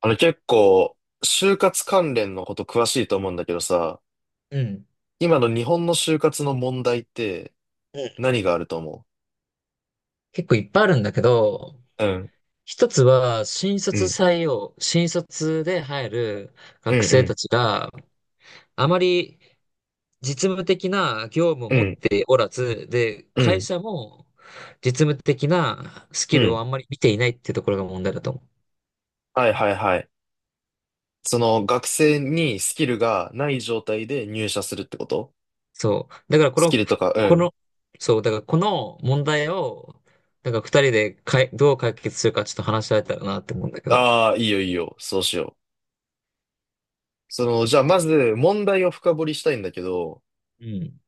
結構、就活関連のこと詳しいと思うんだけどさ、うん。今の日本の就活の問題ってうん、何があると思結構いっぱいあるんだけど、う？うん、一つは新う卒ん、採用、新卒で入るう学生たん、ちがあまり実務的な業務をうん、う持っん、ておらず、で、う会ん、社も実務的なスうキルをん。あんまり見ていないっていうところが問題だと思う。はいはいはい。その学生にスキルがない状態で入社するってこと？そう。だからこスキの、ルとか、うこん。の、そう、だからこの問題を、なんか二人でどう解決するかちょっと話し合えたらなって思うんだけど。ああ、いいよいいよ。そうしよう。えっじゃあまとず問題を深掘りしたいんだけど、うん。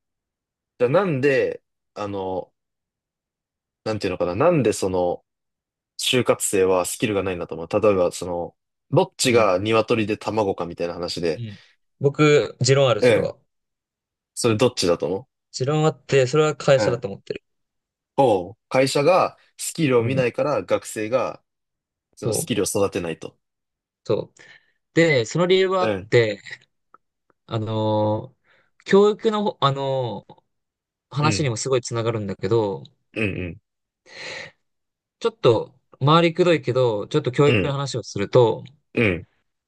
じゃあなんで、あの、なんていうのかな、なんで就活生はスキルがないんだと思う。例えば、どっうちん。が鶏で卵かみたいな話うで、ん。僕、持論ある、うそれん、は。それどっちだと思持論あって、それは会う？う社だん。と思ってる。会社がスキルをう見なん。いから学生がそそのスキう。ルを育てないと。そう。で、その理由はあうっん、て、あのー教育のほ、う話にん、もすごいつながるんだけど、うん、ちょっと、回りくどいけど、ちょっと教うん、う育のん、話をすると、うん、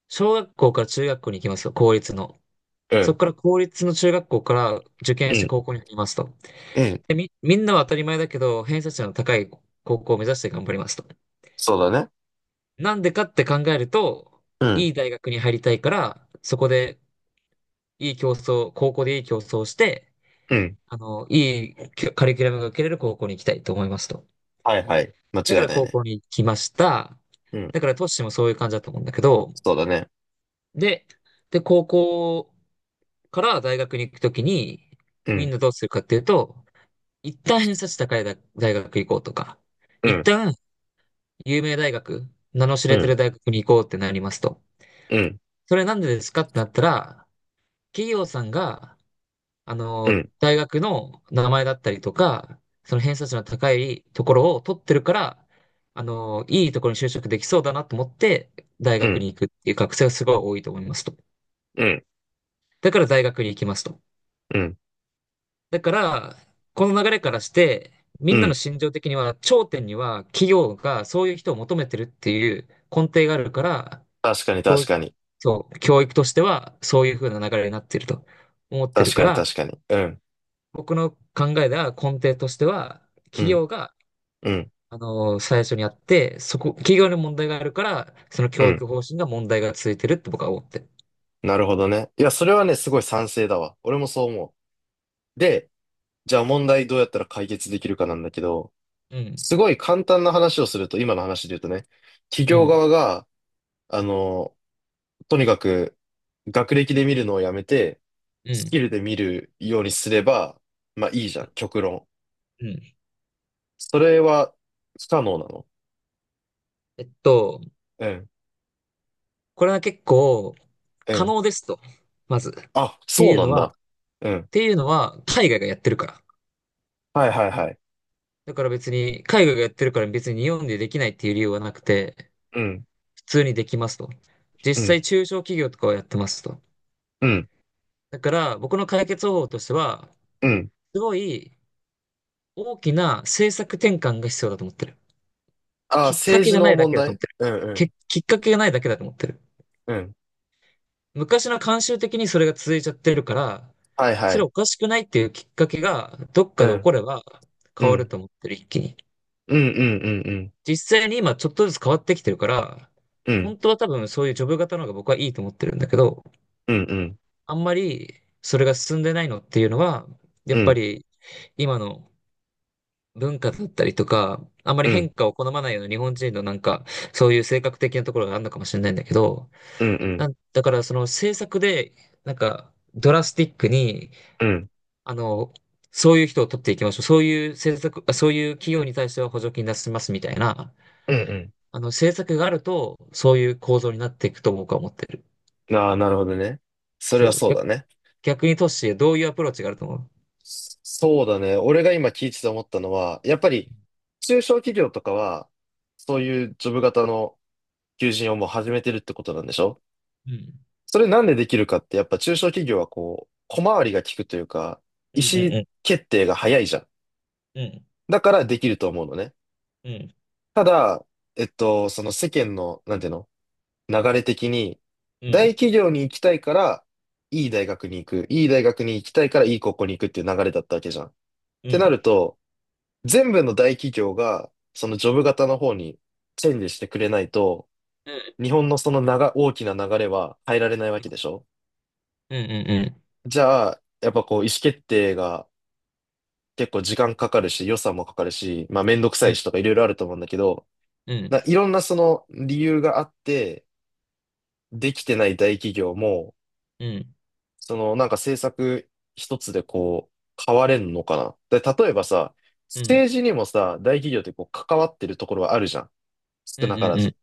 小学校から中学校に行きますよ、公立の。うそん、こから公立の中学校から受う験してん、高校に入りますと。うん。で、みんなは当たり前だけど、偏差値の高い高校を目指して頑張りますと。そうだね。なんでかって考えると、ういん、い大学に入りたいから、そこでいい競争、高校でいい競争をして、うん。いいカリキュラムが受けれる高校に行きたいと思いますと。はいはい。間だか違いらない高ね。校に行きました。うん、だからトッシーもそういう感じだと思うんだけど、そうだね。で、で、高校から大学に行くときに、うみんん、などうするかっていうと、一旦偏差値高い大学行こうとか、う一ん、旦有名大学、名の知うれてん、る大学に行こうってなりますと。うん、それなんでですかってなったら、企業さんが、うん、大学の名前だったりとか、その偏差値の高いところを取ってるから、いいところに就職できそうだなと思って、大うん、う学にん、行くっていう学生がすごい多いと思いますと。だから大学に行きますと。うん、だから、この流れからして、みうんなのん。心情的には、頂点には企業がそういう人を求めてるっていう根底があるから、確かに教確育、かに。そう、教育としてはそういう風な流れになってると思ってる確かかにら、確かに。うん、僕の考えでは根底としては、う企ん、業が、うん、最初にやって、企業に問題があるから、そのう教ん。育方針が問題が続いてるって僕は思ってる。なるほどね。いや、それはね、すごい賛成だわ。俺もそう思う。で、じゃあ問題どうやったら解決できるかなんだけど、うん、すごい簡単な話をすると、今の話で言うとね、企う業ん、側が、あの、とにかく学歴で見るのをやめて、うスキん、ルで見るようにすれば、まあいいじゃん、極論。うん。それは不可能なの？えっと、うん、これは結構う可ん。能ですと、まず。っあ、てそういうなのんは、っだ。うん。ていうのは海外がやってるから。はいはいはい。だから別に、海外がやってるから別に日本でできないっていう理由はなくて、うん、普通にできますと。実うん、際中小企業とかはやってますと。うん、だから僕の解決方法としては、うん。すごい大きな政策転換が必要だと思ってる。あ、きっか政け治がなのいだ問けだと思っ題？てる。うん、うん、きっかけがないだけだと思ってる。うん。昔の慣習的にそれが続いちゃってるから、はいはそれい。おかしくないっていうきっかけがどっうかで起ん。こればう変わるん。と思ってる、一気に。うんうんうんうん。実際に今ちょっとずつ変わってきてるから、うん。本当は多分そういうジョブ型の方が僕はいいと思ってるんだけど、うんうんあんまりそれが進んでないのっていうのは、やうっぱんり今の文化だったりとか、あんまりうん変化を好まないような日本人のなんか、そういう性格的なところがあるのかもしれないんだけど、うんうなん。んだからその政策で、なんか、ドラスティックに、うん。あの、そういう人を取っていきましょう。そういう政策、そういう企業に対しては補助金出しますみたいな、うん。政策があると、そういう構造になっていくと思う思ってる。ああ、なるほどね。それそはう。そうだね。逆に都市シどういうアプローチがあると思う？そうだね。俺が今聞いてて思ったのは、やっぱり中小企業とかは、そういうジョブ型の求人をもう始めてるってことなんでしょ？それなんでできるかって、やっぱ中小企業はこう、小回りが利くというか、う意ん思うん決定が早いじゃん。うん。だからできると思うのね。うん。うん。ただ、その世間の、なんていうの？流れ的に、う大ん。企業に行きたいから、いい大学に行く。いい大学に行きたいから、いい高校に行くっていう流れだったわけじゃん。っうてなん。ると、全部の大企業が、そのジョブ型の方にチェンジしてくれないと、うん。日本のその大きな流れは変えられないわけでしょ？うん。うん。じゃあ、やっぱこう、意思決定が結構時間かかるし、予算もかかるし、まあめんどくうさん。ういん。しとかいろいろあると思うんだけど、うん。いろんなその理由があって、できてない大企業も、うん。なんか政策一つでこう、変われんのかな。で、例えばさ、うん。政治にもさ、大企業ってこう、関わってるところはあるじゃん。少うんなかうらんうず。ん。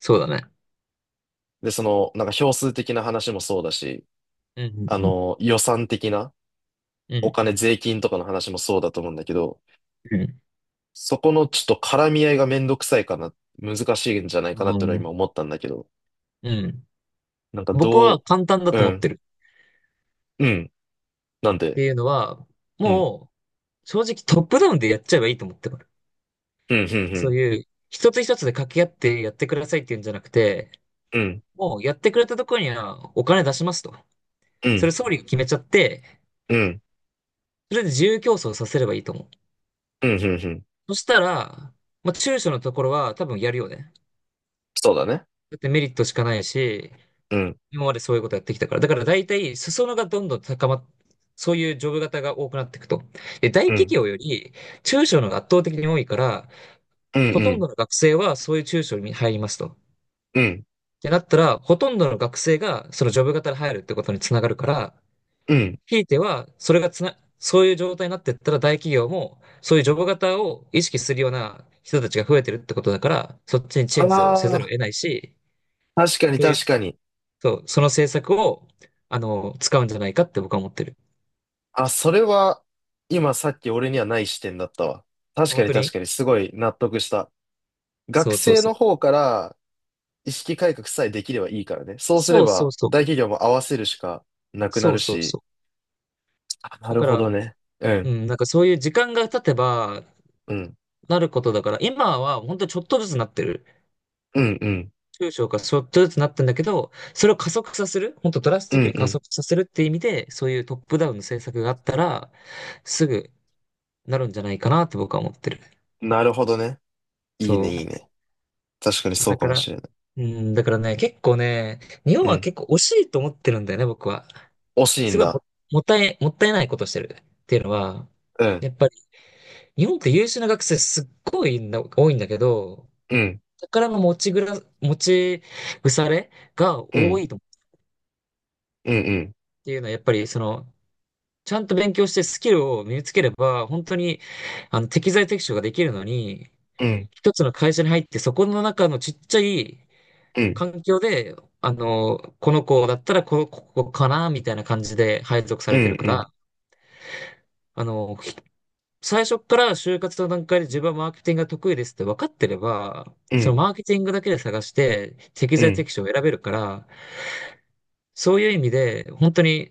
そうだね。で、なんか票数的な話もそうだし、うんうんうん。予算的な、うおん。金、税金とかの話もそうだと思うんだけど、うん。そこのちょっと絡み合いがめんどくさいかな、難しいんじゃないあかなっていうのはー、今思ったんだけど、うん。なんか僕はど簡単だう？とう思っん、てる。うん、なんっで？ていうのは、うん、もう、正直トップダウンでやっちゃえばいいと思ってる。うん、うん、うそうん、いう、一つ一つで掛け合ってやってくださいっていうんじゃなくて、うん、もうやってくれたところにはお金出しますと。うそれん、総理が決めちゃって、うん、それで自由競争させればいいと思う。うん、うん、うん。そしたら、まあ、中小のところは多分やるよね。そうだね。だってメリットしかないし、うん。今までそういうことやってきたから。だから大体、裾野がどんどん高まっ、そういうジョブ型が多くなっていくと。で、大う企ん業より中小の方が圧倒的に多いから、うんうほとんん、どの学生はそういう中小に入りますと。っうん、てなったら、ほとんどの学生がそのジョブ型で入るってことにつながるから、うん。ひいては、それがつな、そういう状態になっていったら大企業も、そういうジョブ型を意識するような人たちが増えてるってことだから、そっちにチあェンジをせざるをあ、得ないし、確かにそういう、確かに。そう、その政策を、使うんじゃないかって僕は思ってる。あ、それは、今さっき俺にはない視点だったわ。確か本に当確にかに、すごい納得した。そ学うそう生そのう。方から意識改革さえできればいいからね。そうすれそうそば、うそう。大企業も合わせるしかなくなそるうそうし。そう。あ、なだるかほら、どね。ううん、ん、なんかそういう時間が経てば、うん、なることだから、今は本当にちょっとずつなってる。うん、うん、中小がちょっとずつなってんだけど、それを加速させる、本当ドラスうティッん、クに加う速させるっていう意味で、そういうトップダウンの政策があったら、すぐなるんじゃないかなって僕は思ってる。ん。なるほどね。いいね、そいいね。確かにう。そうだかかもら、しれない。うん、だからね、結構ね、日本うはん。結構惜しいと思ってるんだよね、僕は。惜しいすんごいだ。も、もったいないことしてるっていうのは、うん、やっぱり日本って優秀な学生すっごいな多いんだけど、うん、宝の持ち腐れがう多ん、いと思ううん、うん、っていうのは、やっぱりその、ちゃんと勉強してスキルを身につければ、本当に、適材適所ができるのに、うん、うん、一つの会社に入って、そこの中のちっちゃいうん、環境で、この子だったらここかな、みたいな感じで配属さうれん、てるかうら、ん。あの、最初から就活の段階で自分はマーケティングが得意ですって分かってれば、うそのんマーケティングだけで探して適う材ん、適所を選べるから、そういう意味で本当に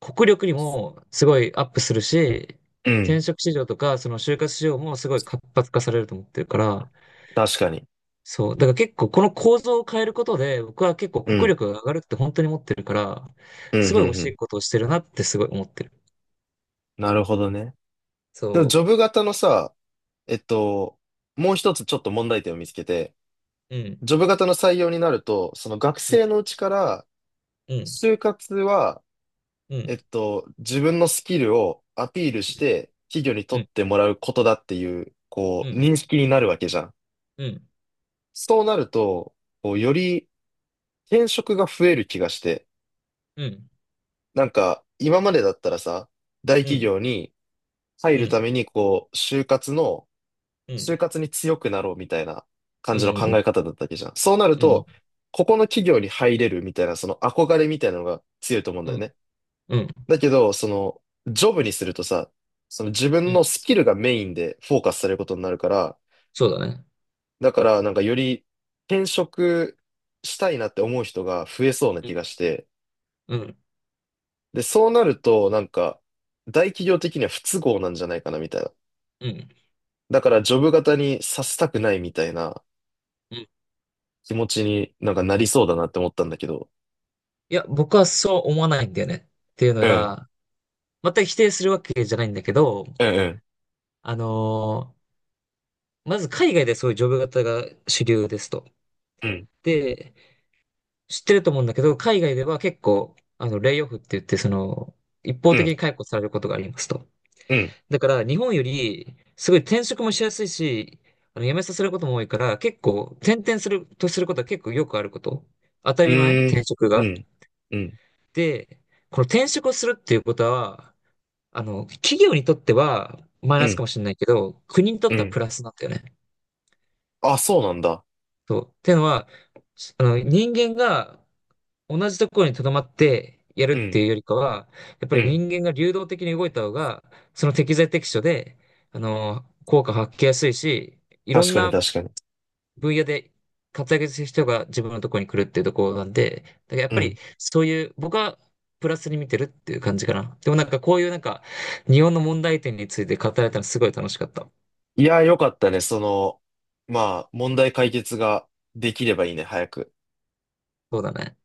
国力にもすごいアップするし、うん、転職市場とかその就活市場もすごい活発化されると思ってるから、確かに。そう。だから結構この構造を変えることで僕は結構う国ん、力が上がるって本当に思ってるから、うん、うすん、ごい惜うしいん。ことをしてるなってすごい思ってる。なるほどね。でも、ジそョブ型のさ、えっと、もう一つちょっと問題点を見つけて、う。うん。ジョブ型の採用になると、その学うん。生のうちから、うん。就活は、うん。自分のスキルをアピールうしん。て、企業にう取っん。てもらうことだっていう、こうう、ん。認識になるわけじゃん。うんそうなると、こう、より転職が増える気がして、うん、なんか、今までだったらさ、大う企ん、業に、入うるたん、めに、こう、うん、就活に強くなろうみたいな感うじん、のう考ん、え方だったわけじゃん。そうなるうん、と、ここの企業に入れるみたいな、その憧れみたいなのが強いと思うんうだよん、ね。うん、だけど、ジョブにするとさ、その自う分のん、スキルがメインでフォーカスされることになるから、そうだね。だからなんかより転職したいなって思う人が増えそうなう気ん、がして、うん、で、そうなるとなんか大企業的には不都合なんじゃないかなみたいな。うん、だからジョブ型にさせたくないみたいなうん。い気持ちになんかなりそうだなって思ったんだけど。や、僕はそう思わないんだよね。っていうのうん、が、全く否定するわけじゃないんだけど、うん、あのーまず海外でそういうジョブ型が主流ですと。うん、で、知ってると思うんだけど、海外では結構、レイオフって言って、一方う的ん、に解雇されることがありますと。うん、うん、だから日本よりすごい転職もしやすいし、辞めさせることも多いから、結構転々することは結構よくあること。当たうり前ーん、転職うが。ん、うん、で、この転職をするっていうことは、企業にとってはマイうナスかん、もしれないけど、国にとっうてはん。プラスなんだよね。あ、そうなんだ。そう。っていうのは、人間が同じところに留まってやるうってん、いうよりかは、やっぱうりん。人間が流動的に動いた方が、その適材適所で、効果発揮やすいし、いろ確んかにな確かに。分野で活躍する人が自分のところに来るっていうところなんで、だからやっうぱりん。そういう、僕はプラスに見てるっていう感じかな。でもなんかこういうなんか、日本の問題点について語られたのすごい楽しかった。いやー、よかったね。まあ、問題解決ができればいいね、早く。そうだね。